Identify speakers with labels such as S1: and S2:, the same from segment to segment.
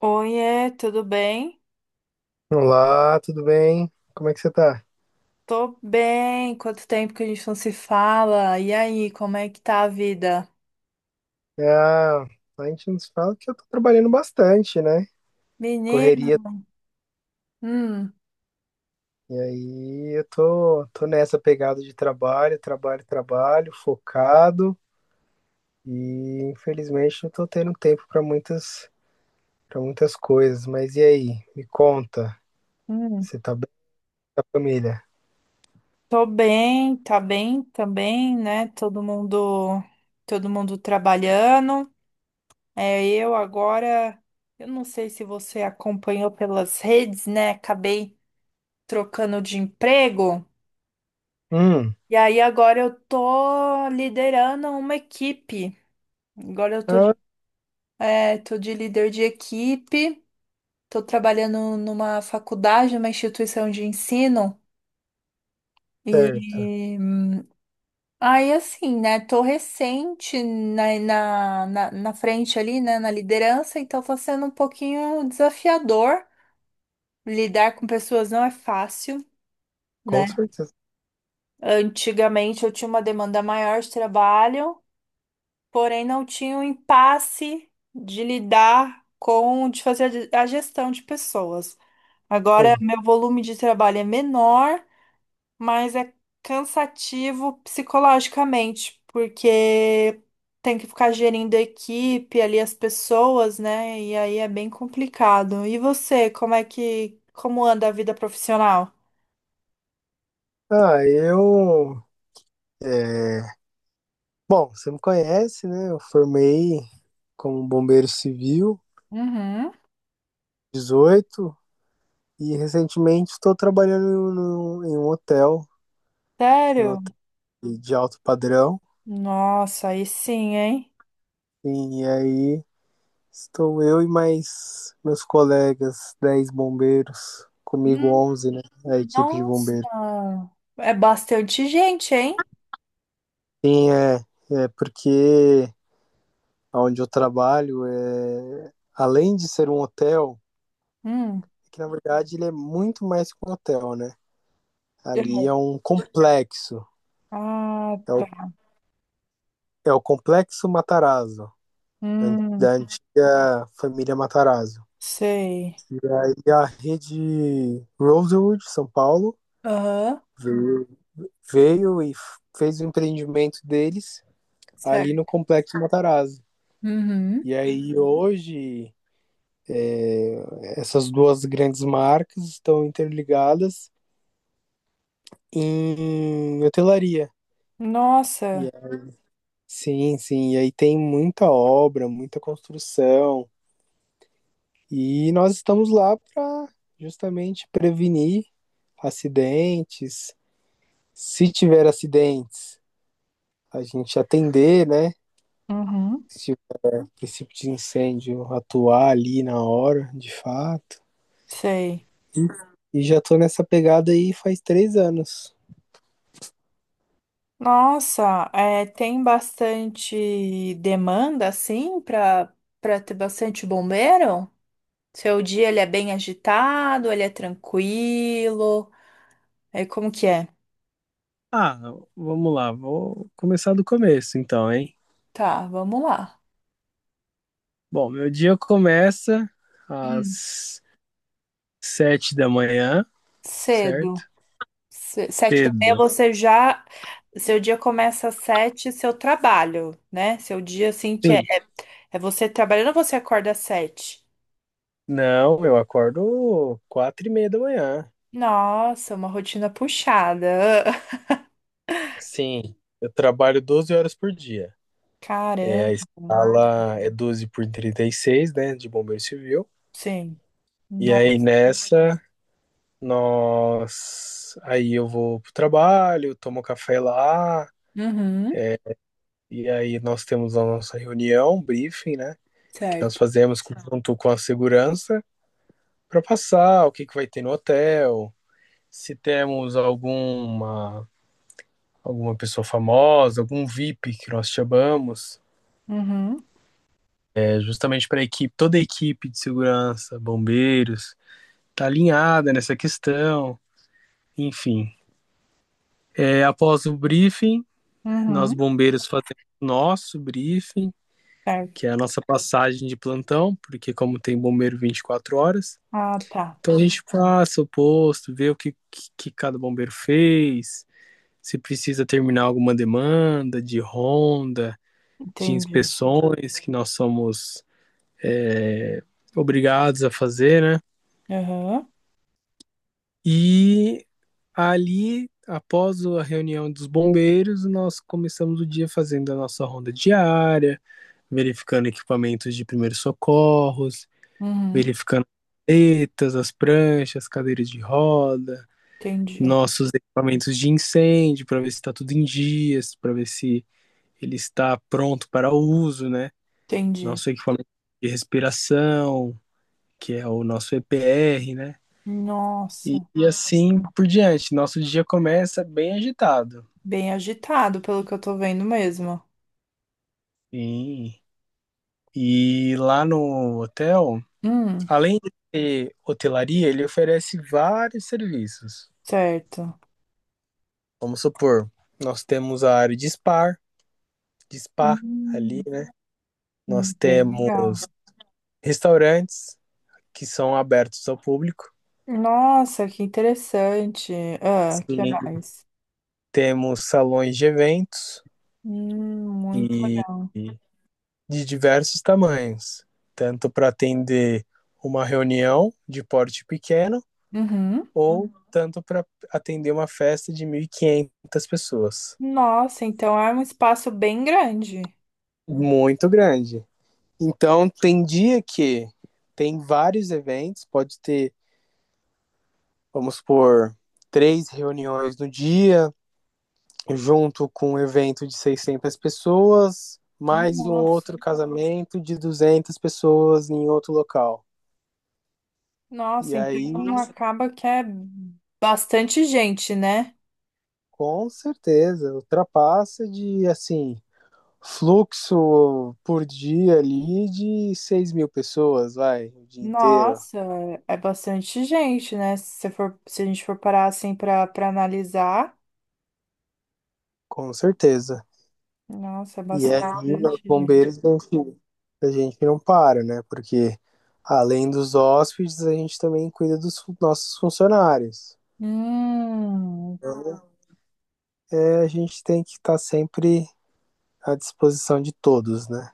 S1: Oiê, tudo bem?
S2: Olá, tudo bem? Como é que você tá?
S1: Tô bem. Quanto tempo que a gente não se fala? E aí, como é que tá a vida?
S2: Ah, a gente nos fala que eu tô trabalhando bastante, né?
S1: Menino,
S2: Correria.
S1: hum,
S2: E aí eu tô nessa pegada de trabalho, trabalho, trabalho, focado. E infelizmente não tô tendo tempo para para muitas coisas. Mas e aí? Me conta.
S1: hum.
S2: Você tá bem com a família?
S1: Tô bem, tá bem também, né? Todo mundo trabalhando. É, eu agora, eu não sei se você acompanhou pelas redes, né? Acabei trocando de emprego.
S2: Hum.
S1: E aí agora eu tô liderando uma equipe. Agora eu tô
S2: Ah,
S1: É, Tô de líder de equipe, tô trabalhando numa faculdade, numa instituição de ensino.
S2: certo.
S1: E aí, assim, né? Tô recente na frente ali, né? Na liderança, então tá sendo um pouquinho desafiador. Lidar com pessoas não é fácil,
S2: Com
S1: né?
S2: certeza.
S1: Antigamente eu tinha uma demanda maior de trabalho, porém não tinha o impasse de fazer a a gestão de pessoas. Agora,
S2: Sim.
S1: meu volume de trabalho é menor, mas é cansativo psicologicamente, porque tem que ficar gerindo a equipe, ali as pessoas, né? E aí é bem complicado. E você, como anda a vida profissional?
S2: Ah, eu. é, Bom, você me conhece, né? Eu formei como bombeiro civil,
S1: Uhum.
S2: 18, e recentemente estou trabalhando no- em um hotel, em um
S1: Sério?
S2: hotel de alto padrão.
S1: Nossa, aí sim, hein?
S2: E aí estou eu e mais meus colegas, 10 bombeiros, comigo
S1: Hum.
S2: 11, né? A equipe de bombeiros.
S1: Nossa, é bastante gente, hein?
S2: Sim. É porque onde eu trabalho, além de ser um hotel,
S1: Hum.
S2: é que na verdade ele é muito mais que um hotel, né?
S1: É.
S2: Ali é um complexo.
S1: Ah,
S2: É o,
S1: tá.
S2: É o Complexo Matarazzo,
S1: Hum,
S2: da antiga família Matarazzo.
S1: sei.
S2: E a rede Rosewood, São Paulo,
S1: Aham.
S2: veio, veio e fez o empreendimento deles ali no
S1: Certo.
S2: Complexo Matarazzo.
S1: Uhum.
S2: E aí hoje essas duas grandes marcas estão interligadas em hotelaria. E
S1: Nossa,
S2: é- sim, sim. E aí tem muita obra, muita construção. E nós estamos lá para justamente prevenir acidentes. Se tiver acidentes, a gente atender, né?
S1: uhum,
S2: Se o princípio de incêndio atuar ali na hora, de fato.
S1: sei.
S2: E já tô nessa pegada aí faz 3 anos.
S1: Nossa, é, tem bastante demanda assim para ter bastante bombeiro? Seu dia ele é bem agitado, ele é tranquilo. Aí como que é?
S2: Ah, Vamos lá, vou começar do começo então, hein?
S1: Tá, vamos lá.
S2: Bom, meu dia começa
S1: Hum.
S2: às 7 da manhã, certo?
S1: Cedo. Sete da meia
S2: Cedo.
S1: você já. Seu dia começa às sete, seu trabalho, né? Seu dia assim que é,
S2: Sim.
S1: é você trabalhando, você acorda às sete.
S2: Não, eu acordo 4h30 da manhã.
S1: Nossa, uma rotina puxada. Ah,
S2: Sim, eu trabalho 12 horas por dia. É, a
S1: caramba.
S2: escala é 12 por 36, né, de bombeiro civil.
S1: Sim.
S2: E
S1: Nossa.
S2: aí nós... Aí eu vou pro trabalho, tomo café lá,
S1: Uhum,
S2: e aí nós temos a nossa reunião, briefing, né, que nós
S1: certo.
S2: fazemos junto com a segurança para passar o que que vai ter no hotel, se temos alguma pessoa famosa, algum VIP que nós chamamos,
S1: Uhum.
S2: é justamente para a equipe, toda a equipe de segurança, bombeiros, tá alinhada nessa questão, enfim. É, após o briefing, nós
S1: Uhum.
S2: bombeiros fazemos nosso briefing,
S1: Certo.
S2: que é a nossa passagem de plantão, porque como tem bombeiro 24 horas,
S1: Ah, tá.
S2: então a gente passa o posto, vê o que, que cada bombeiro fez, se precisa terminar alguma demanda de ronda, de
S1: Entendi.
S2: inspeções, que nós somos é, obrigados a fazer, né?
S1: Uhum.
S2: E ali, após a reunião dos bombeiros, nós começamos o dia fazendo a nossa ronda diária, verificando equipamentos de primeiros socorros,
S1: Uhum.
S2: verificando as paletas, as pranchas, cadeiras de roda,
S1: Entendi.
S2: nossos equipamentos de incêndio, para ver se está tudo em dias, para ver se ele está pronto para uso, né?
S1: Entendi.
S2: Nosso equipamento de respiração, que é o nosso EPR, né? E,
S1: Nossa.
S2: e assim por diante. Nosso dia começa bem agitado.
S1: Bem agitado, pelo que eu tô vendo mesmo.
S2: Sim. E lá no hotel,
S1: Hum,
S2: além de ter hotelaria, ele oferece vários serviços.
S1: certo.
S2: Vamos supor, nós temos a área de spa, de spa ali,
S1: Hum,
S2: né? Nós
S1: bem legal.
S2: temos restaurantes que são abertos ao público.
S1: Nossa, que interessante. Ah, que
S2: Sim.
S1: mais?
S2: Temos salões de eventos
S1: Muito
S2: e
S1: legal.
S2: e de diversos tamanhos, tanto para atender uma reunião de porte pequeno
S1: Uhum.
S2: ou tanto para atender uma festa de 1.500 pessoas.
S1: Nossa, então é um espaço bem grande.
S2: Muito grande. Então, tem dia que tem vários eventos, pode ter, vamos supor, três reuniões no dia, junto com um evento de 600 pessoas, mais um
S1: Nossa,
S2: outro casamento de 200 pessoas em outro local. E
S1: nossa,
S2: aí,
S1: então
S2: nossa,
S1: acaba que é bastante gente, né?
S2: com certeza, ultrapassa de, assim, fluxo por dia ali de 6.000 pessoas, vai, o dia inteiro,
S1: Nossa, é bastante gente, né? Se a gente for parar assim para analisar,
S2: com certeza.
S1: nossa, é
S2: E aí, os
S1: bastante gente.
S2: bombeiros, a gente não para, né? Porque além dos hóspedes, a gente também cuida dos nossos funcionários.
S1: Hum,
S2: Então, a gente tem que estar sempre à disposição de todos, né?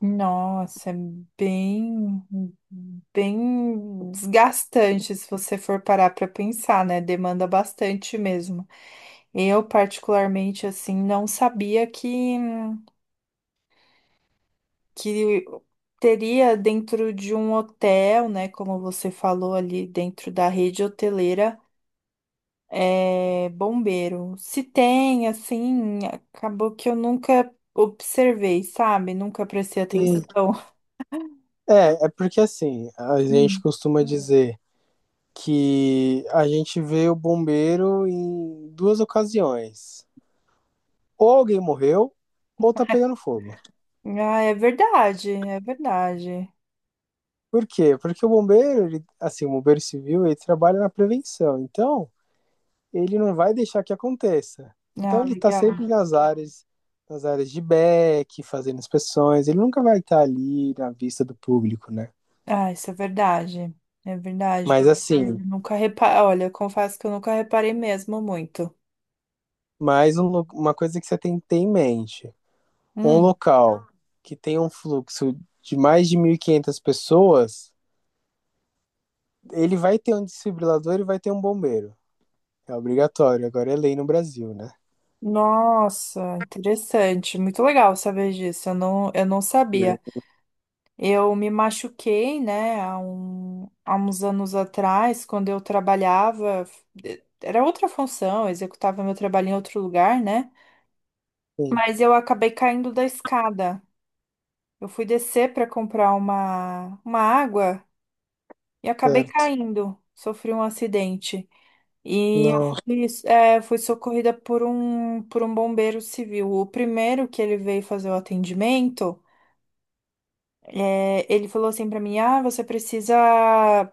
S1: nossa, é bem bem desgastante se você for parar para pensar, né? Demanda bastante mesmo. Eu, particularmente, assim, não sabia que teria dentro de um hotel, né? Como você falou ali, dentro da rede hoteleira, é, bombeiro. Se tem, assim, acabou que eu nunca observei, sabe? Nunca prestei
S2: E,
S1: atenção.
S2: É porque assim, a gente
S1: Hum.
S2: costuma dizer. Que a gente vê o bombeiro em duas ocasiões. Ou alguém morreu, ou tá pegando fogo.
S1: Ah, é verdade, é verdade.
S2: Por quê? Porque o bombeiro, ele, assim, o bombeiro civil, ele trabalha na prevenção. Então, ele não vai deixar que aconteça. Então,
S1: Ah,
S2: ele tá
S1: legal.
S2: sempre nas áreas, de back, fazendo inspeções. Ele nunca vai estar tá ali na vista do público, né?
S1: Ah, isso é verdade. É verdade.
S2: Mas,
S1: Porque eu
S2: assim,
S1: nunca reparei. Olha, eu confesso que eu nunca reparei mesmo muito.
S2: uma coisa que você tem que ter em mente. Um
S1: Hum.
S2: local que tem um fluxo de mais de 1.500 pessoas, ele vai ter um desfibrilador e vai ter um bombeiro. É obrigatório, agora é lei no Brasil, né?
S1: Nossa, interessante, muito legal saber disso. Eu não sabia. Eu me machuquei, né, há uns anos atrás, quando eu trabalhava, era outra função, eu executava meu trabalho em outro lugar, né?
S2: Sim,
S1: Mas eu acabei caindo da escada. Eu fui descer para comprar uma água e acabei
S2: certo.
S1: caindo, sofri um acidente. E eu
S2: Não.
S1: fui, fui socorrida por um bombeiro civil. O primeiro que ele veio fazer o atendimento, ele falou assim pra mim: "Ah, você precisa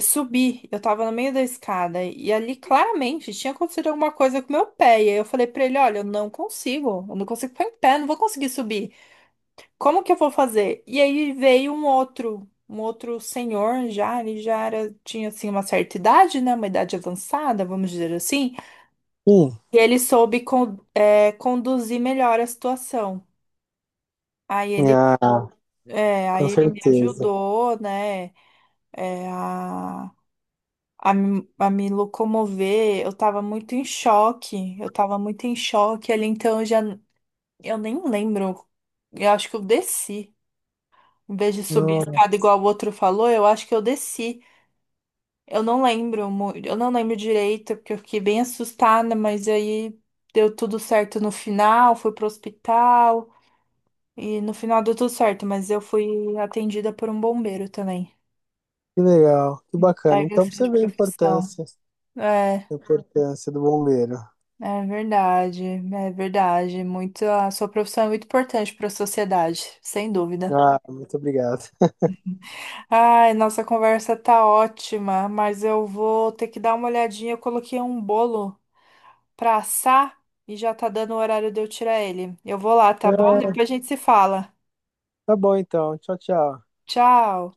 S1: subir." Eu tava no meio da escada e ali claramente tinha acontecido alguma coisa com meu pé. E aí eu falei pra ele: "Olha, eu não consigo ficar em pé, não vou conseguir subir. Como que eu vou fazer?" E aí veio um outro. Um outro senhor já, tinha assim uma certa idade, né? Uma idade avançada, vamos dizer assim.
S2: Sim.
S1: E ele soube conduzir melhor a situação. Aí ele,
S2: Ah,
S1: aí
S2: com
S1: ele me
S2: certeza.
S1: ajudou, né, é, a, a me locomover. Eu tava muito em choque ali, então eu já, eu nem lembro. Eu acho que eu desci. Em vez de subir
S2: Não,
S1: a escada igual o outro falou, eu acho que eu desci. Eu não lembro direito, porque eu fiquei bem assustada, mas aí deu tudo certo no final, fui pro hospital. E no final deu tudo certo, mas eu fui atendida por um bombeiro também.
S2: que legal, que bacana.
S1: Larga
S2: Então pra
S1: ser
S2: você
S1: de
S2: vê a
S1: profissão.
S2: importância,
S1: É,
S2: do bombeiro.
S1: é verdade, é verdade. Muito, a sua profissão é muito importante para a sociedade, sem dúvida.
S2: Ah, muito obrigado.
S1: Ai, nossa conversa tá ótima, mas eu vou ter que dar uma olhadinha. Eu coloquei um bolo pra assar e já tá dando o horário de eu tirar ele. Eu vou lá, tá bom?
S2: Ah,
S1: Depois a gente se fala.
S2: tá bom então. Tchau, tchau.
S1: Tchau.